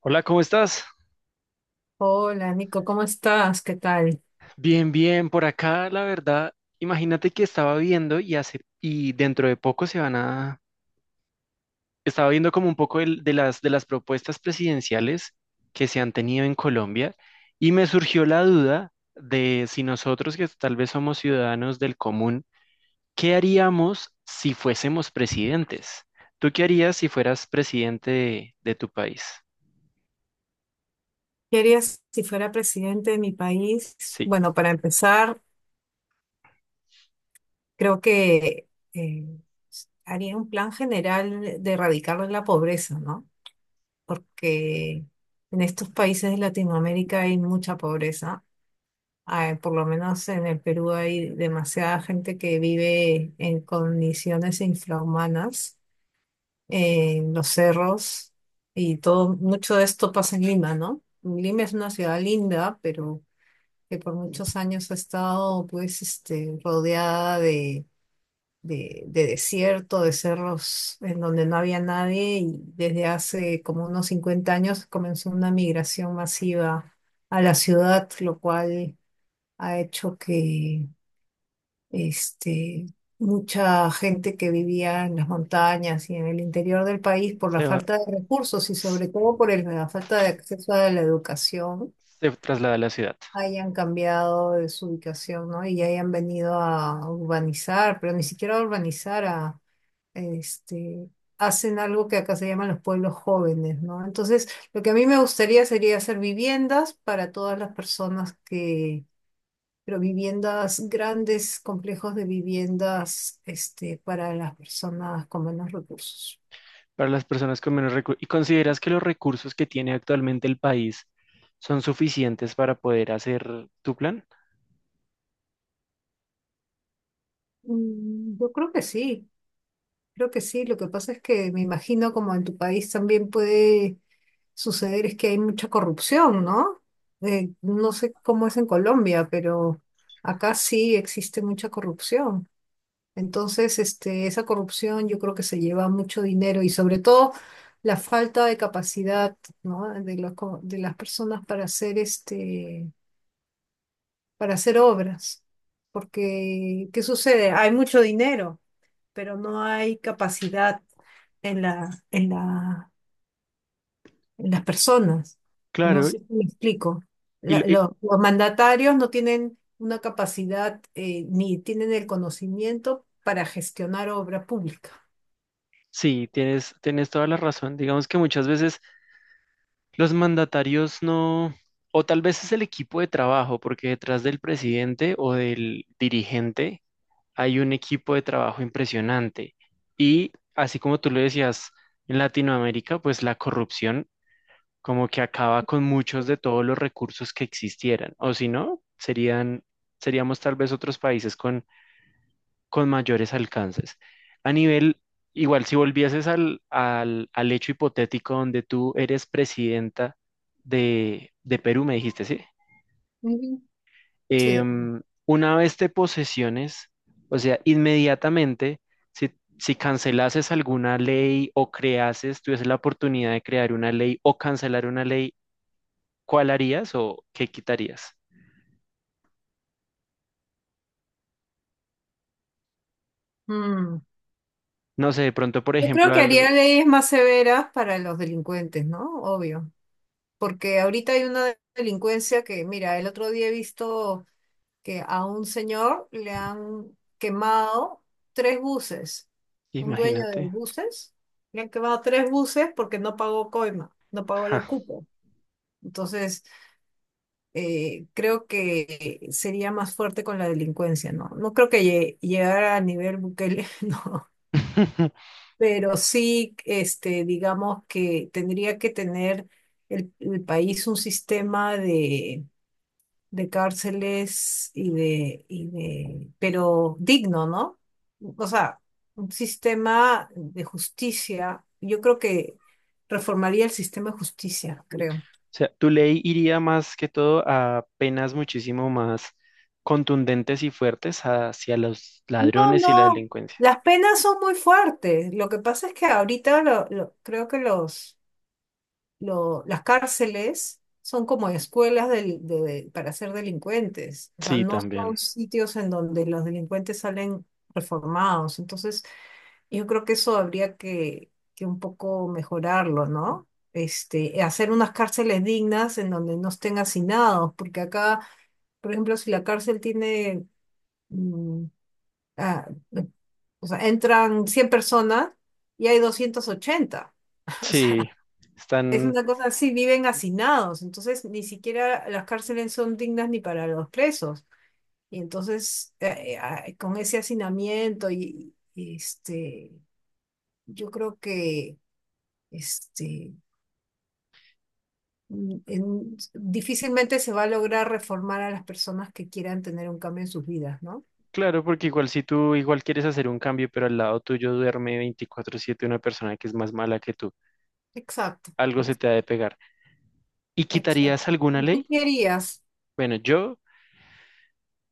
Hola, ¿cómo estás? Hola, Nico, ¿cómo estás? ¿Qué tal? Bien, bien, por acá, la verdad, imagínate que estaba viendo y dentro de poco se van a estaba viendo como un poco de las propuestas presidenciales que se han tenido en Colombia y me surgió la duda de si nosotros que tal vez somos ciudadanos del común, ¿qué haríamos si fuésemos presidentes? ¿Tú qué harías si fueras presidente de tu país? ¿Qué harías si fuera presidente de mi país? Sí, Bueno, para empezar, creo que eh, haría un plan general de erradicar la pobreza, ¿no? Porque en estos países de Latinoamérica hay mucha pobreza. Ah, por lo menos en el Perú hay demasiada gente que vive en condiciones infrahumanas en los cerros y todo. Mucho de esto pasa en Lima, ¿no? Lima es una ciudad linda, pero que por muchos años ha estado pues rodeada de, desierto, de cerros en donde no había nadie, y desde hace como unos 50 años comenzó una migración masiva a la ciudad, lo cual ha hecho que este, mucha gente que vivía en las montañas y en el interior del país por la se va- falta de recursos y se sobre todo por la falta de acceso a la educación, traslada a la ciudad. hayan cambiado de su ubicación, ¿no? Y hayan venido a urbanizar, pero ni siquiera a urbanizar, a, este, hacen algo que acá se llaman los pueblos jóvenes, ¿no? Entonces, lo que a mí me gustaría sería hacer viviendas para todas las personas, pero viviendas grandes, complejos de viviendas, para las personas con menos recursos. Para las personas con menos recursos. ¿Y consideras que los recursos que tiene actualmente el país son suficientes para poder hacer tu plan? Yo creo que sí, creo que sí. Lo que pasa es que, me imagino como en tu país también puede suceder, es que hay mucha corrupción, ¿no? No sé cómo es en Colombia, pero acá sí existe mucha corrupción. Entonces, esa corrupción yo creo que se lleva mucho dinero, y sobre todo la falta de capacidad, ¿no? De de las personas para hacer, para hacer obras. Porque, ¿qué sucede? Hay mucho dinero, pero no hay capacidad en la, en las personas. No Claro, sé si me explico. y, lo- La- y- lo- los mandatarios no tienen una capacidad, ni tienen el conocimiento para gestionar obra pública. sí, tienes toda la razón. Digamos que muchas veces los mandatarios no, o tal vez es el equipo de trabajo, porque detrás del presidente o del dirigente hay un equipo de trabajo impresionante. Y así como tú lo decías, en Latinoamérica, pues la corrupción como que acaba con muchos de todos los recursos que existieran, o si no, serían, seríamos tal vez otros países con mayores alcances. A nivel, igual, si volvieses al hecho hipotético donde tú eres presidenta de Perú, me dijiste, ¿sí? Ujú. Siete. Una vez te posesiones, o sea, inmediatamente, si, si cancelases alguna ley o creases, tuvieses la oportunidad de crear una ley o cancelar una ley, ¿cuál harías o qué quitarías? Mm. No sé, de pronto, por Yo creo ejemplo, que algo, haría leyes más severas para los delincuentes, ¿no? Obvio. Porque ahorita hay una delincuencia que, mira, el otro día he visto que a un señor le han quemado tres buses. Un dueño de imagínate. buses, le han quemado tres buses porque no pagó coima, no pagó el Ja. cupo. Entonces, creo que sería más fuerte con la delincuencia, ¿no? No creo que llegara a nivel Bukele, no. Pero sí, digamos que tendría que tener el país un sistema de cárceles y de, pero digno, ¿no? O sea, un sistema de justicia. Yo creo que reformaría el sistema de justicia, creo. Sea, tu ley iría más que todo a penas muchísimo más contundentes y fuertes hacia los No, ladrones y la no, delincuencia. las penas son muy fuertes. Lo que pasa es que ahorita creo que las cárceles son como escuelas para ser delincuentes. O sea, Sí, no son también. sitios en donde los delincuentes salen reformados. Entonces, yo creo que eso habría que, un poco mejorarlo, ¿no? Hacer unas cárceles dignas en donde no estén hacinados, porque acá, por ejemplo, si la cárcel tiene, mm, ah, o sea, entran 100 personas y hay 280. Sí, Es están, una cosa así, viven hacinados. Entonces ni siquiera las cárceles son dignas ni para los presos. Y entonces, con ese hacinamiento, y, yo creo que este, difícilmente se va a lograr reformar a las personas que quieran tener un cambio en sus vidas, ¿no? claro, porque igual si tú igual quieres hacer un cambio, pero al lado tuyo duerme 24/7 una persona que es más mala que tú, Exacto, algo se te ha de pegar. ¿Y quitarías exacto. alguna ¿Y tú ley? qué harías? Bueno, yo,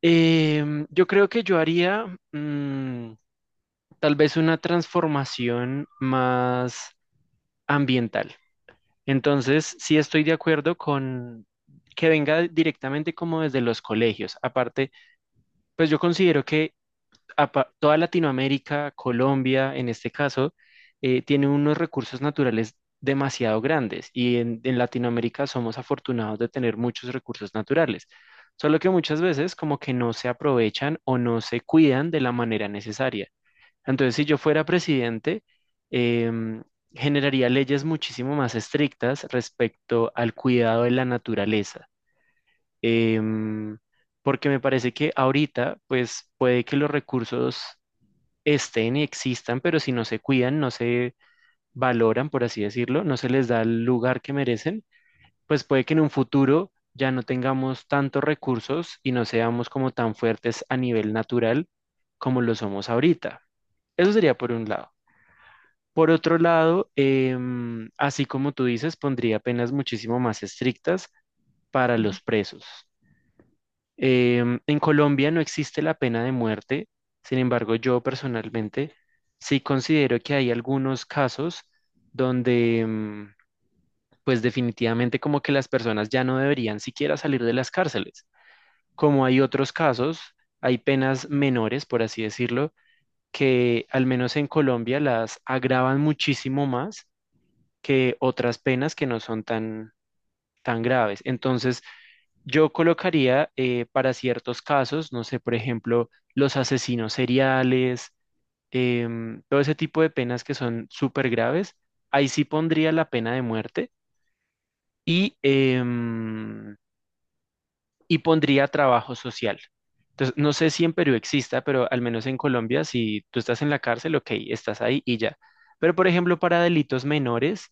yo creo que yo haría mm, tal vez una transformación más ambiental. Entonces, sí estoy de acuerdo con que venga directamente como desde los colegios. Aparte, pues yo considero que toda Latinoamérica, Colombia en este caso, tiene unos recursos naturales demasiado grandes y en Latinoamérica somos afortunados de tener muchos recursos naturales, solo que muchas veces como que no se aprovechan o no se cuidan de la manera necesaria. Entonces, si yo fuera presidente, em, generaría leyes muchísimo más estrictas respecto al cuidado de la naturaleza. Em, Porque me parece que ahorita, pues puede que los recursos estén y existan, pero si no se cuidan, no se valoran, por así decirlo, no se les da el lugar que merecen, pues puede que en un futuro ya no tengamos tantos recursos y no seamos como tan fuertes a nivel natural como lo somos ahorita. Eso sería por un lado. Por otro lado, así como tú dices, pondría penas muchísimo más estrictas para los presos. En Colombia no existe la pena de muerte, sin embargo, yo personalmente sí considero que hay algunos casos donde, pues definitivamente como que las personas ya no deberían siquiera salir de las cárceles. Como hay otros casos, hay penas menores, por así decirlo, que al menos en Colombia las agravan muchísimo más que otras penas que no son tan, tan graves. Entonces, yo colocaría para ciertos casos, no sé, por ejemplo, los asesinos seriales, todo ese tipo de penas que son súper graves, ahí sí pondría la pena de muerte y, y pondría trabajo social. Entonces, no sé si en Perú exista, pero al menos en Colombia, si tú estás en la cárcel, ok, estás ahí y ya. Pero, por ejemplo, para delitos menores,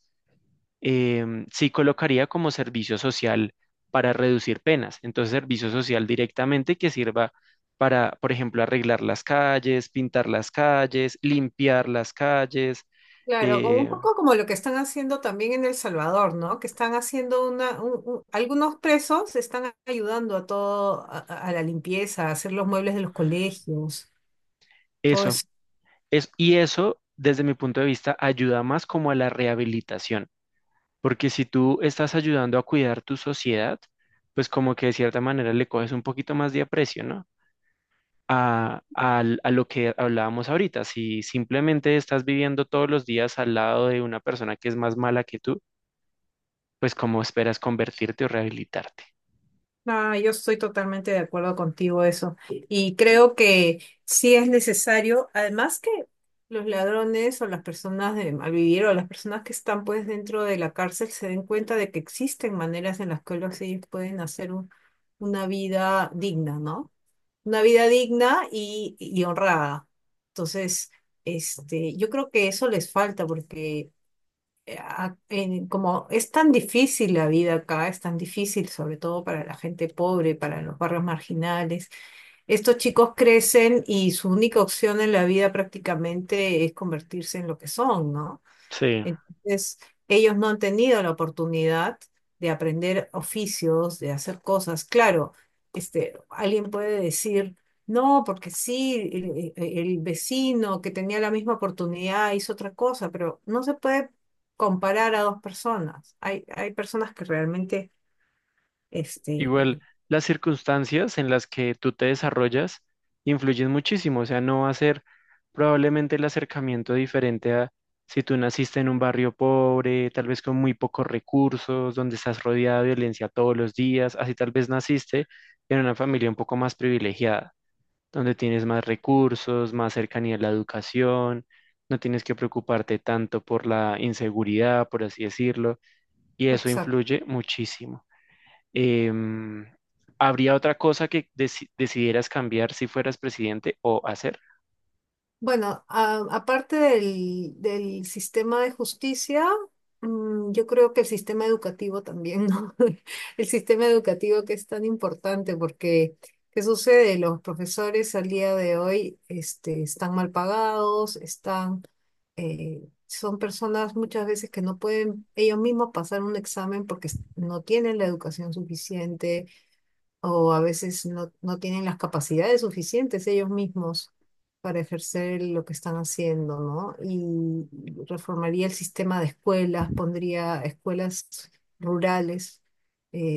sí colocaría como servicio social para reducir penas. Entonces, servicio social directamente que sirva para, por ejemplo, arreglar las calles, pintar las calles, limpiar las calles, Claro, como un eh, poco como lo que están haciendo también en El Salvador, ¿no? Que están haciendo algunos presos están ayudando a todo, a, a la limpieza, a hacer los muebles de los colegios, todo eso. eso. Es, y eso, desde mi punto de vista, ayuda más como a la rehabilitación, porque si tú estás ayudando a cuidar tu sociedad, pues como que de cierta manera le coges un poquito más de aprecio, ¿no? A, a lo que hablábamos ahorita. Si simplemente estás viviendo todos los días al lado de una persona que es más mala que tú, pues ¿cómo esperas convertirte o rehabilitarte? Ah, yo estoy totalmente de acuerdo contigo eso. Y creo que sí es necesario, además que los ladrones, o las personas de malvivir, o las personas que están pues dentro de la cárcel, se den cuenta de que existen maneras en las que ellos pueden hacer una vida digna, ¿no? Una vida digna y honrada. Entonces, yo creo que eso les falta, porque como es tan difícil la vida acá, es tan difícil sobre todo para la gente pobre, para los barrios marginales, estos chicos crecen y su única opción en la vida prácticamente es convertirse en lo que son, ¿no? Sí. Entonces, ellos no han tenido la oportunidad de aprender oficios, de hacer cosas. Claro, alguien puede decir, no, porque sí, el vecino que tenía la misma oportunidad hizo otra cosa. Pero no se puede comparar a dos personas. Hay personas que realmente, este, Igual, las circunstancias en las que tú te desarrollas influyen muchísimo. O sea, no va a ser probablemente el acercamiento diferente a si tú naciste en un barrio pobre, tal vez con muy pocos recursos, donde estás rodeado de violencia todos los días, así tal vez naciste en una familia un poco más privilegiada donde tienes más recursos, más cercanía a la educación, no tienes que preocuparte tanto por la inseguridad, por así decirlo, y eso influye muchísimo. Em, ¿Habría otra cosa que decidieras cambiar si fueras presidente o hacer? bueno, aparte del, sistema de justicia, yo creo que el sistema educativo también, ¿no? El sistema educativo que es tan importante porque, ¿qué sucede? Los profesores al día de hoy, están mal pagados, están, eh, son personas muchas veces que no pueden ellos mismos pasar un examen porque no tienen la educación suficiente, o a veces no, no tienen las capacidades suficientes ellos mismos para ejercer lo que están haciendo, ¿no? Y reformaría el sistema de escuelas, pondría escuelas rurales,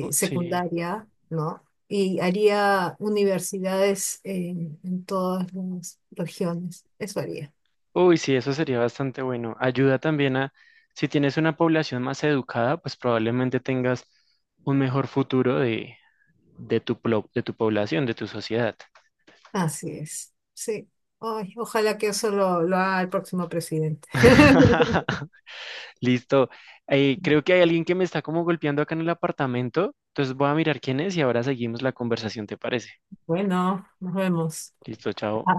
Oh, sí. secundaria, ¿no? Y haría universidades en, todas las regiones. Eso haría. Uy, sí, eso sería bastante bueno. Ayuda también a, si tienes una población más educada, pues probablemente tengas un mejor futuro de, de tu población, de tu sociedad. Así es. Sí. Ay, ojalá que eso lo haga el próximo presidente. Listo. Creo que hay alguien que me está como golpeando acá en el apartamento. Entonces voy a mirar quién es y ahora seguimos la conversación, ¿te parece? Bueno, nos vemos. Listo, chao.